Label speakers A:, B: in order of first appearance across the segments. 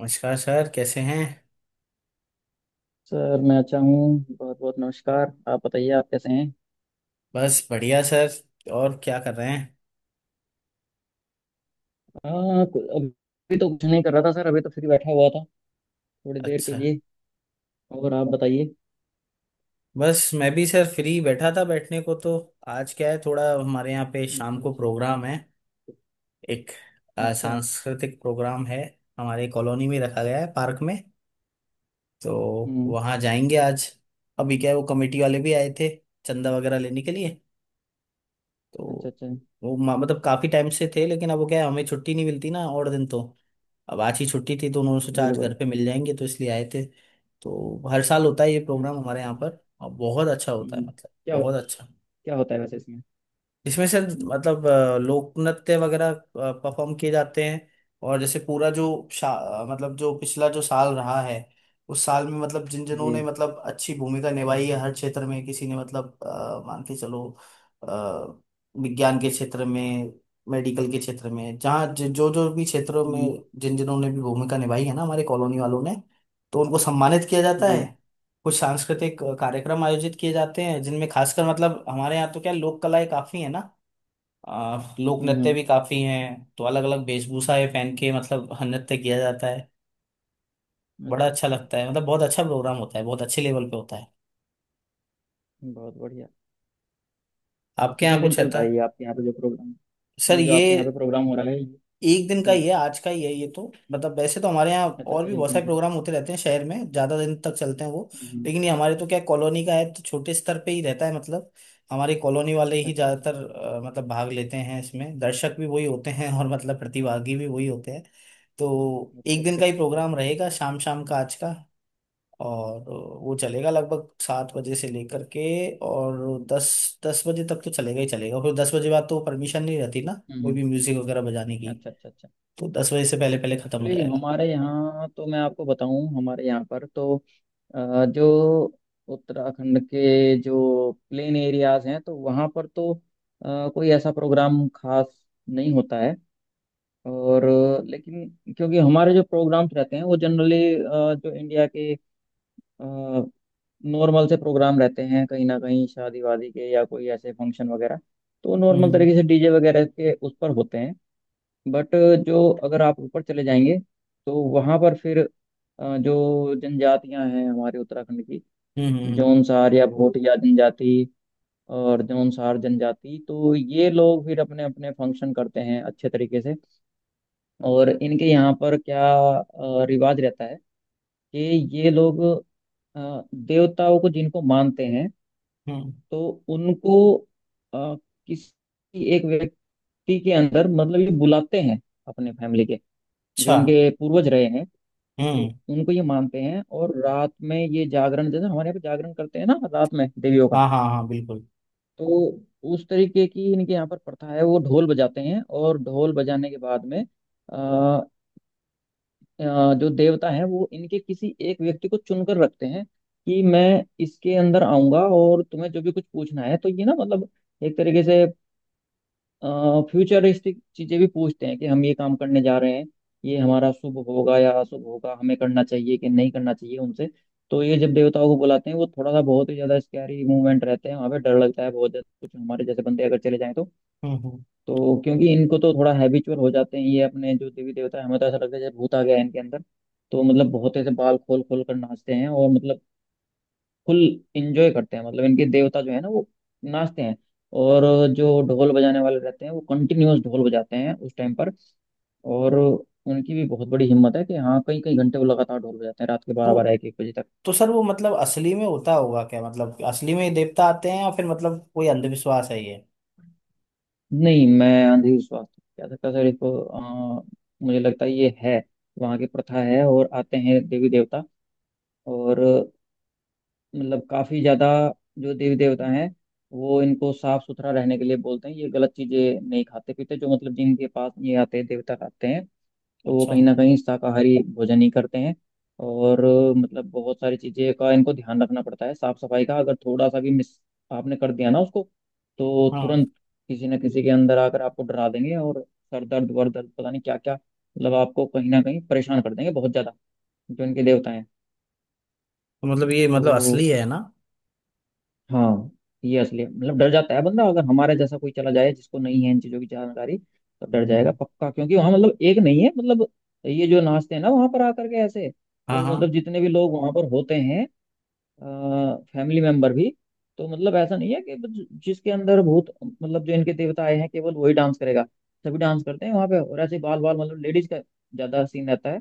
A: नमस्कार सर, कैसे हैं।
B: सर मैं अच्छा हूँ। बहुत बहुत नमस्कार। आप बताइए, आप कैसे हैं।
A: बस बढ़िया सर। और क्या कर रहे हैं?
B: हाँ, अभी तो कुछ नहीं कर रहा था सर, अभी तो फ्री बैठा हुआ था थोड़ी देर के
A: अच्छा।
B: लिए। और आप बताइए।
A: बस मैं भी सर फ्री बैठा था बैठने को तो। आज क्या है, थोड़ा हमारे यहाँ पे शाम
B: अच्छा
A: को
B: अच्छा।
A: प्रोग्राम है। एक
B: अच्छा।
A: सांस्कृतिक प्रोग्राम है, हमारे कॉलोनी में रखा गया है, पार्क में। तो
B: हम्म।
A: वहाँ जाएंगे आज। अभी क्या है, वो कमेटी वाले भी आए थे, चंदा वगैरह लेने के लिए।
B: अच्छा
A: तो
B: अच्छा।
A: वो मतलब काफी टाइम से थे, लेकिन अब वो क्या है, हमें छुट्टी नहीं मिलती ना और दिन तो। अब आज ही छुट्टी थी, तो उन्होंने सोचा आज घर
B: बिल्कुल।
A: पे मिल जाएंगे, तो इसलिए आए थे। तो हर साल होता है ये प्रोग्राम
B: अच्छा
A: हमारे
B: अच्छा।
A: यहाँ पर, और बहुत अच्छा होता है,
B: हम्म।
A: मतलब
B: क्या?
A: बहुत
B: क्या
A: अच्छा।
B: होता है वैसे इसमें?
A: इसमें से मतलब लोक नृत्य वगैरह परफॉर्म किए जाते हैं, और जैसे पूरा जो मतलब जो पिछला जो साल रहा है, उस साल में मतलब जिन जिनों
B: जी।
A: ने मतलब अच्छी भूमिका निभाई है हर क्षेत्र में, किसी ने मतलब मान के चलो, अ, विज्ञान के क्षेत्र में, मेडिकल के क्षेत्र में, जहाँ जो जो भी क्षेत्रों
B: हम्म।
A: में जिन जिनों ने भी भूमिका निभाई है ना हमारे कॉलोनी वालों ने, तो उनको सम्मानित किया जाता
B: जी।
A: है। कुछ सांस्कृतिक कार्यक्रम आयोजित किए जाते हैं, जिनमें खासकर मतलब हमारे यहाँ तो क्या लोक कलाएं काफी है ना, लोक
B: हम्म
A: नृत्य
B: हम्म,
A: भी काफी हैं, तो अलग अलग वेशभूषा ये पहन के मतलब नृत्य किया जाता है। बड़ा
B: अच्छा
A: अच्छा
B: अच्छा।
A: लगता है, मतलब बहुत अच्छा प्रोग्राम होता है, बहुत अच्छे लेवल पे होता है।
B: बहुत बढ़िया। तो
A: आपके यहाँ
B: कितने दिन
A: कुछ है
B: चलता
A: था?
B: है ये आपके यहाँ पे जो प्रोग्राम?
A: सर
B: ये जो
A: ये
B: आपके यहाँ पे प्रोग्राम हो रहा है ये-?
A: एक दिन का
B: जी।
A: ही है, आज का ही है ये तो, मतलब वैसे तो हमारे यहाँ
B: अच्छा
A: और
B: अच्छा,
A: भी
B: एक
A: बहुत
B: दिन
A: सारे
B: के लिए।
A: प्रोग्राम होते रहते हैं शहर में, ज्यादा दिन तक चलते हैं वो।
B: हम्म हम्म,
A: लेकिन ये हमारे तो क्या कॉलोनी का है तो छोटे स्तर पे ही रहता है मतलब। हमारे कॉलोनी वाले ही
B: अच्छा अच्छा
A: ज्यादातर मतलब भाग लेते हैं इसमें, दर्शक भी वही होते हैं और मतलब प्रतिभागी भी वही होते हैं। तो
B: अच्छा।
A: एक दिन
B: अच्छा
A: का ही
B: अच्छा, बहुत
A: प्रोग्राम
B: बढ़िया।
A: रहेगा, शाम शाम का, आज का। और वो चलेगा लगभग 7 बजे से लेकर के, और दस 10 बजे तक तो चलेगा ही चलेगा, फिर 10 बजे बाद तो परमिशन नहीं रहती ना,
B: हम्म
A: कोई
B: हम्म।
A: भी म्यूजिक वगैरह बजाने की।
B: अच्छा अच्छा अच्छा।
A: तो 10 बजे से पहले पहले खत्म हो
B: एक्चुअली
A: जाएगा।
B: हमारे यहाँ तो, मैं आपको बताऊं, हमारे यहाँ पर तो जो उत्तराखंड के जो प्लेन एरियाज हैं तो वहाँ पर तो कोई ऐसा प्रोग्राम खास नहीं होता है। और लेकिन क्योंकि हमारे जो प्रोग्राम्स रहते हैं वो जनरली जो इंडिया के नॉर्मल से प्रोग्राम रहते हैं, कहीं ना कहीं शादी वादी के या कोई ऐसे फंक्शन वगैरह, तो नॉर्मल
A: हम्म।
B: तरीके से डीजे वगैरह के उस पर होते हैं। बट जो अगर आप ऊपर चले जाएंगे तो वहाँ पर फिर जो जनजातियां हैं हमारे उत्तराखंड की,
A: हम्म। हम्म।
B: जौनसार या भोटिया जनजाति और जौनसार जनजाति, तो ये लोग फिर अपने अपने फंक्शन करते हैं अच्छे तरीके से। और इनके यहाँ पर क्या रिवाज रहता है कि ये लोग देवताओं को जिनको मानते हैं,
A: हम्म,
B: तो उनको अ, किसी एक व्यक्ति के अंदर मतलब ये बुलाते हैं, अपने फैमिली के जो
A: अच्छा।
B: इनके पूर्वज रहे हैं
A: हम्म।
B: उनको ये मानते हैं। और रात में ये जागरण, जैसे हमारे यहाँ पे जागरण करते हैं ना रात में देवियों का,
A: हाँ, हाँ, हाँ, बिल्कुल।
B: तो उस तरीके की इनके यहाँ पर प्रथा है। वो ढोल बजाते हैं और ढोल बजाने के बाद में अ, जो देवता है वो इनके किसी एक व्यक्ति को चुनकर रखते हैं कि मैं इसके अंदर आऊंगा और तुम्हें जो भी कुछ पूछना है तो ये ना मतलब एक तरीके से फ्यूचरिस्टिक चीजें भी पूछते हैं कि हम ये काम करने जा रहे हैं, ये हमारा शुभ होगा या अशुभ होगा, हमें करना चाहिए कि नहीं करना चाहिए उनसे। तो ये जब देवताओं को बुलाते हैं वो थोड़ा सा, बहुत ही ज्यादा स्कैरी मूवमेंट रहते हैं, वहाँ पे डर लगता है बहुत ज्यादा, कुछ हमारे जैसे बंदे अगर चले जाएं तो।
A: हम्म। हम्म।
B: तो क्योंकि इनको तो थोड़ा हैबिचुअल हो जाते हैं ये, अपने जो देवी देवता है, हमें तो ऐसा लगता है जैसे भूत आ गया है इनके अंदर। तो मतलब बहुत ऐसे बाल खोल खोल कर नाचते हैं और मतलब फुल इंजॉय करते हैं, मतलब इनके देवता जो है ना वो नाचते हैं। और जो ढोल बजाने वाले रहते हैं वो कंटिन्यूअस ढोल बजाते हैं उस टाइम पर। और उनकी भी बहुत बड़ी हिम्मत है कि हाँ, कई कई घंटे वो लगातार ढोल बजाते हैं, रात के बारह बारह
A: तो
B: एक एक बजे तक।
A: तो सर वो मतलब असली में होता होगा क्या, मतलब असली में ये देवता आते हैं, या फिर मतलब कोई अंधविश्वास है ये?
B: नहीं, मैं अंधविश्वास नहीं कह सकता सर इसको। अ, मुझे लगता है ये है वहाँ की प्रथा है और आते हैं देवी देवता। और मतलब काफी ज्यादा जो देवी देवता हैं वो इनको साफ सुथरा रहने के लिए बोलते हैं। ये गलत चीजें नहीं खाते पीते, जो मतलब जिनके पास ये आते हैं, देवता आते हैं, तो वो
A: अच्छा।
B: कहीं ना कहीं शाकाहारी भोजन ही करते हैं। और मतलब बहुत सारी चीजें का इनको ध्यान रखना पड़ता है साफ सफाई का। अगर थोड़ा सा भी मिस आपने कर दिया ना उसको तो
A: हाँ।
B: तुरंत किसी न किसी के अंदर आकर आपको डरा देंगे। और सर दर्द वर दर्द पता नहीं क्या क्या, मतलब आपको कहीं ना कहीं परेशान कर देंगे बहुत ज्यादा जो इनके देवता हैं।
A: तो मतलब ये
B: तो
A: मतलब असली है ना?
B: हाँ, ये असली है। मतलब डर जाता है बंदा, अगर हमारे जैसा कोई चला जाए जिसको नहीं है इन चीजों की जानकारी, तो डर जाएगा
A: हम्म।
B: पक्का। क्योंकि वहां मतलब एक नहीं है मतलब, ये जो नाचते हैं ना वहां पर आकर के ऐसे,
A: हाँ,
B: तो
A: हाँ।
B: मतलब जितने भी लोग वहां पर होते हैं फैमिली मेंबर भी, तो मतलब ऐसा नहीं है कि बस जिसके अंदर भूत, मतलब जो इनके देवता आए हैं केवल वही डांस करेगा। सभी डांस करते हैं वहां पे। और ऐसे बाल बाल, मतलब लेडीज का ज्यादा सीन रहता है,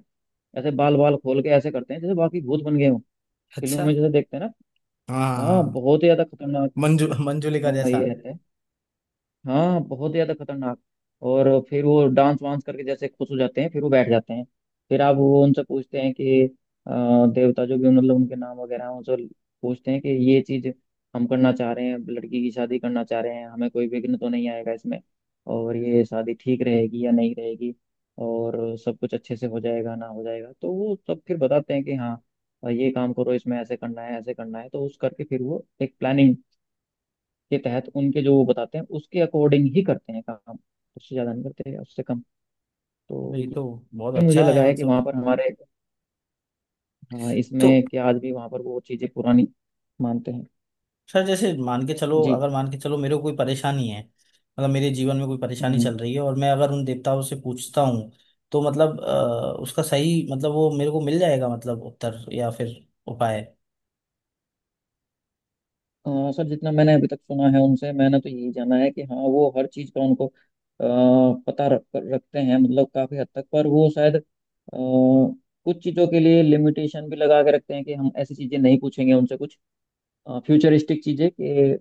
B: ऐसे बाल बाल खोल के ऐसे करते हैं जैसे बाकी भूत बन गए हों। फिल्मों
A: अच्छा।
B: में जैसे देखते हैं ना,
A: हाँ, हाँ,
B: हाँ
A: हाँ।
B: बहुत ही ज्यादा खतरनाक।
A: मंजू मंजुलिका
B: हाँ
A: जैसा।
B: ये रहता है। हाँ, बहुत ज्यादा खतरनाक। और फिर वो डांस वांस करके जैसे खुश हो जाते हैं, फिर वो बैठ जाते हैं। फिर आप वो उनसे पूछते हैं कि देवता जो भी मतलब उनके नाम वगैरह हैं उनसे पूछते हैं कि ये चीज हम करना चाह रहे हैं, लड़की की शादी करना चाह रहे हैं, हमें कोई विघ्न तो नहीं आएगा इसमें और ये शादी ठीक रहेगी या नहीं रहेगी और सब कुछ अच्छे से हो जाएगा ना हो जाएगा। तो वो सब फिर बताते हैं कि हाँ, ये काम करो, इसमें ऐसे करना है, ऐसे करना है। तो उस करके फिर वो एक प्लानिंग के तहत उनके जो वो बताते हैं उसके अकॉर्डिंग ही करते हैं काम, उससे ज्यादा नहीं करते या उससे कम। तो
A: अरे ये तो
B: ये
A: बहुत
B: मुझे
A: अच्छा
B: लगा
A: है
B: है कि
A: मतलब।
B: वहां पर हमारे, हाँ
A: तो
B: इसमें कि आज भी वहां पर वो चीजें पुरानी मानते हैं।
A: सर जैसे मान के चलो,
B: जी।
A: अगर मान के चलो मेरे को कोई परेशानी है, मतलब मेरे जीवन में कोई परेशानी
B: हम्म।
A: चल रही है, और मैं अगर उन देवताओं से पूछता हूँ, तो मतलब उसका सही मतलब वो मेरे को मिल जाएगा, मतलब उत्तर या फिर उपाय।
B: सर जितना मैंने अभी तक सुना है उनसे, मैंने तो यही जाना है कि हाँ, वो हर चीज का उनको पता रखते हैं, मतलब काफी हद तक। पर वो शायद कुछ चीजों के लिए लिमिटेशन भी लगा के रखते हैं कि हम ऐसी चीजें नहीं पूछेंगे उनसे। कुछ फ्यूचरिस्टिक चीजें कि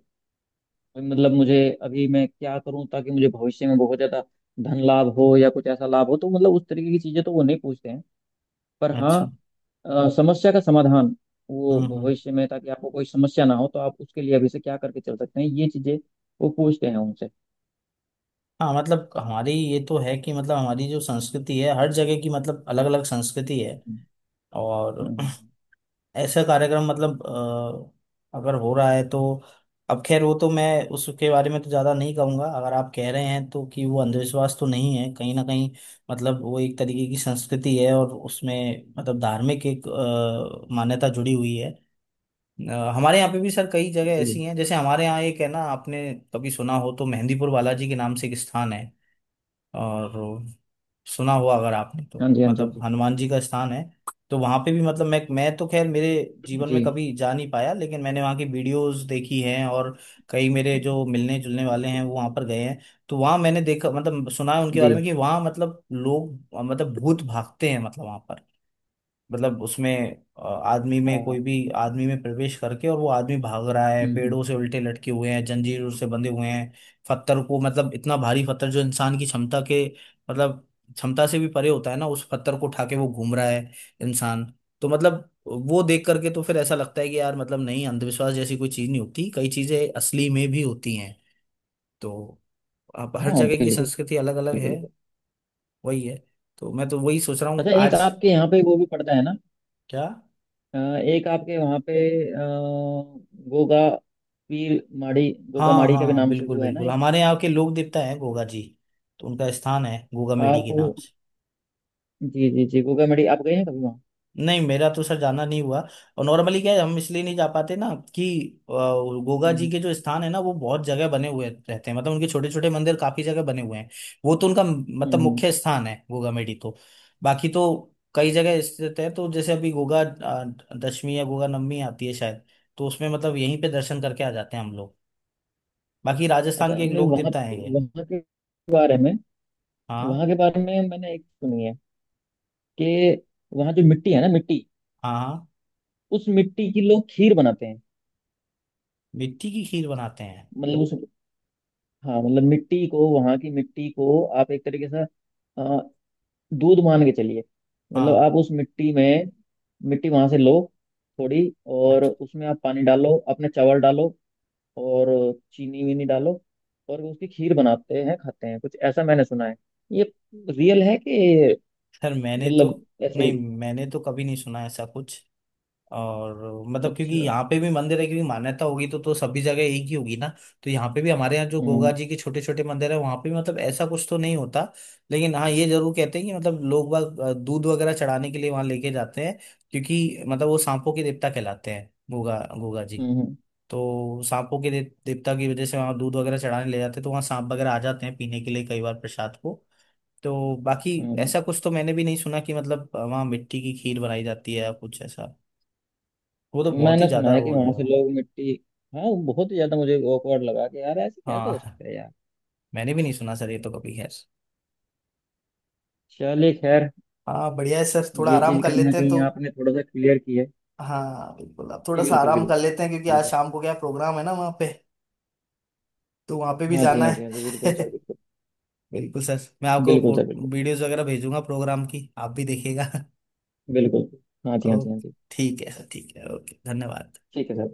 B: मतलब मुझे, अभी मैं क्या करूं ताकि मुझे भविष्य में बहुत ज्यादा धन लाभ हो या कुछ ऐसा लाभ हो, तो मतलब उस तरीके की चीजें तो वो नहीं पूछते हैं। पर हाँ,
A: अच्छा।
B: समस्या का समाधान, वो
A: हम्म, हम्म।
B: भविष्य में ताकि आपको कोई समस्या ना हो तो आप उसके लिए अभी से क्या करके चल सकते हैं, ये चीजें वो पूछते हैं उनसे।
A: हाँ मतलब हमारी ये तो है कि मतलब हमारी जो संस्कृति है हर जगह की, मतलब अलग अलग संस्कृति है।
B: हम्म,
A: और
B: हम्म,
A: ऐसा कार्यक्रम मतलब, अगर हो रहा है तो, अब खैर वो तो मैं उसके बारे में तो ज्यादा नहीं कहूंगा, अगर आप कह रहे हैं तो कि वो अंधविश्वास तो नहीं है कहीं ना कहीं। मतलब वो एक तरीके की संस्कृति है, और उसमें मतलब धार्मिक एक मान्यता जुड़ी हुई है। हमारे यहाँ पे भी सर कई जगह ऐसी
B: जी।
A: हैं, जैसे हमारे यहाँ एक है ना, आपने कभी सुना हो तो मेहंदीपुर बालाजी के नाम से एक स्थान है, और सुना हुआ अगर आपने तो,
B: हाँ जी, हाँ जी, हाँ
A: मतलब
B: जी।
A: हनुमान जी का स्थान है। तो वहां पे भी मतलब मैं तो खैर मेरे जीवन में
B: जी
A: कभी जा नहीं पाया, लेकिन मैंने वहां की वीडियोस देखी हैं, और कई मेरे जो मिलने जुलने वाले हैं वो वहां पर गए हैं। तो वहां मैंने देखा, मतलब सुना है उनके
B: जी।
A: बारे में, कि वहां मतलब लोग मतलब भूत भागते हैं, मतलब वहां पर, मतलब उसमें आदमी
B: हाँ
A: में
B: हाँ
A: कोई
B: हाँ,
A: भी आदमी में प्रवेश करके, और वो आदमी भाग रहा है,
B: हम्म,
A: पेड़ों से उल्टे लटके हुए हैं, जंजीरों से बंधे हुए हैं। पत्थर को मतलब इतना भारी पत्थर जो इंसान की क्षमता के मतलब क्षमता से भी परे होता है ना, उस पत्थर को उठा के वो घूम रहा है, इंसान। तो मतलब वो देख करके तो फिर ऐसा लगता है कि यार मतलब नहीं, अंधविश्वास जैसी कोई चीज नहीं होती, कई चीजें असली में भी होती हैं। तो अब हर
B: हाँ,
A: जगह की
B: बिल्कुल।
A: संस्कृति अलग अलग है,
B: बिल्कुल।
A: वही है। तो मैं तो वही सोच रहा हूँ
B: अच्छा, एक
A: आज।
B: आपके यहाँ पे वो भी पड़ता है ना,
A: क्या?
B: एक आपके वहाँ पे अ, गोगा पीर माड़ी, गोगा
A: हाँ,
B: माड़ी का भी
A: हाँ,
B: नाम से
A: बिल्कुल,
B: वो है ना
A: बिल्कुल,
B: एक।
A: हमारे यहाँ के लोक देवता है गोगा जी। तो उनका स्थान है गोगा मेडी
B: आप,
A: के नाम से।
B: जी जी जी, गोगा माड़ी आप गए हैं कभी वहाँ?
A: नहीं मेरा तो सर जाना नहीं हुआ, और नॉर्मली क्या है, हम इसलिए नहीं जा पाते ना, कि अ, गोगा जी
B: हम्म
A: के जो स्थान है ना वो बहुत जगह बने हुए रहते हैं, मतलब उनके छोटे छोटे मंदिर काफी जगह बने हुए हैं। वो तो उनका
B: हम्म
A: मतलब
B: हम्म।
A: मुख्य स्थान है गोगा मेडी, तो बाकी तो कई जगह स्थित है। तो जैसे अभी गोगा दशमी या गोगा नवमी आती है शायद, तो उसमें मतलब यहीं पे दर्शन करके आ जाते हैं हम लोग। बाकी
B: अच्छा,
A: राजस्थान के एक
B: नहीं
A: लोक
B: वहाँ,
A: देवता है ये।
B: वहाँ के बारे में, वहाँ
A: हाँ,
B: के बारे में मैंने एक सुनी है कि वहाँ जो मिट्टी है ना, मिट्टी,
A: हाँ, हाँ।
B: उस मिट्टी की लोग खीर बनाते हैं।
A: मिट्टी की खीर बनाते हैं?
B: मतलब उस, हाँ मतलब मिट्टी को, वहाँ की मिट्टी को आप एक तरीके से दूध मान के चलिए। मतलब आप
A: हाँ।
B: उस मिट्टी में, मिट्टी वहां से लो थोड़ी और उसमें आप पानी डालो, अपने चावल डालो और चीनी वीनी डालो और उसकी खीर बनाते हैं, खाते हैं। कुछ ऐसा मैंने सुना है, ये रियल है कि
A: सर मैंने तो,
B: मतलब ऐसे
A: नहीं
B: ही?
A: मैंने तो कभी नहीं सुना ऐसा कुछ, और मतलब क्योंकि
B: अच्छा।
A: यहाँ पे भी मंदिर है, क्योंकि मान्यता होगी तो सभी जगह एक ही होगी ना। तो यहाँ पे भी हमारे यहाँ जो गोगा
B: हम्म
A: जी के छोटे छोटे मंदिर है, वहाँ पे भी मतलब ऐसा कुछ तो नहीं होता। लेकिन हाँ ये जरूर कहते हैं कि मतलब लोग बाग दूध वगैरह चढ़ाने के लिए वहाँ लेके जाते हैं, क्योंकि मतलब वो सांपों के देवता कहलाते हैं, गोगा गोगा जी।
B: हम्म हम्म
A: तो सांपों के देवता की वजह से वहाँ दूध वगैरह चढ़ाने ले जाते हैं, तो वहाँ सांप वगैरह आ जाते हैं पीने के लिए, कई बार प्रसाद को। तो बाकी
B: हम्म।
A: ऐसा कुछ तो मैंने भी नहीं सुना कि मतलब वहाँ मिट्टी की खीर बनाई जाती है या कुछ ऐसा, वो तो बहुत ही
B: मैंने सुना
A: ज्यादा
B: है
A: वो
B: कि
A: हो
B: वहां से
A: जाएगा।
B: लोग मिट्टी, हाँ वो बहुत ही ज्यादा मुझे awkward लगा कि यार ऐसे कैसे हो
A: हाँ
B: सकता है यार।
A: मैंने भी नहीं सुना सर, ये तो कभी, खैर।
B: चलिए खैर,
A: हाँ बढ़िया है सर, थोड़ा
B: ये
A: आराम
B: चीज
A: कर
B: कहीं ना
A: लेते हैं
B: कहीं
A: तो।
B: आपने थोड़ा सा क्लियर की है।
A: हाँ बिल्कुल, आप थोड़ा
B: जी
A: सा
B: बिल्कुल।
A: आराम
B: बिल्कुल।
A: कर लेते हैं, क्योंकि आज शाम को क्या प्रोग्राम है ना वहाँ पे, तो वहाँ पे भी
B: हाँ जी,
A: जाना
B: हाँ जी, हाँ जी
A: है।
B: बिल्कुल सर बिल्कुल।
A: बिल्कुल सर, मैं आपको
B: बिल्कुल सर
A: फोटो
B: बिल्कुल।
A: वीडियोस वगैरह भेजूंगा प्रोग्राम की, आप भी देखिएगा।
B: बिल्कुल। हाँ जी, हाँ
A: ओ।
B: जी, हाँ जी।
A: ठीक है सर, ठीक है, ओके, धन्यवाद।
B: ठीक है सर।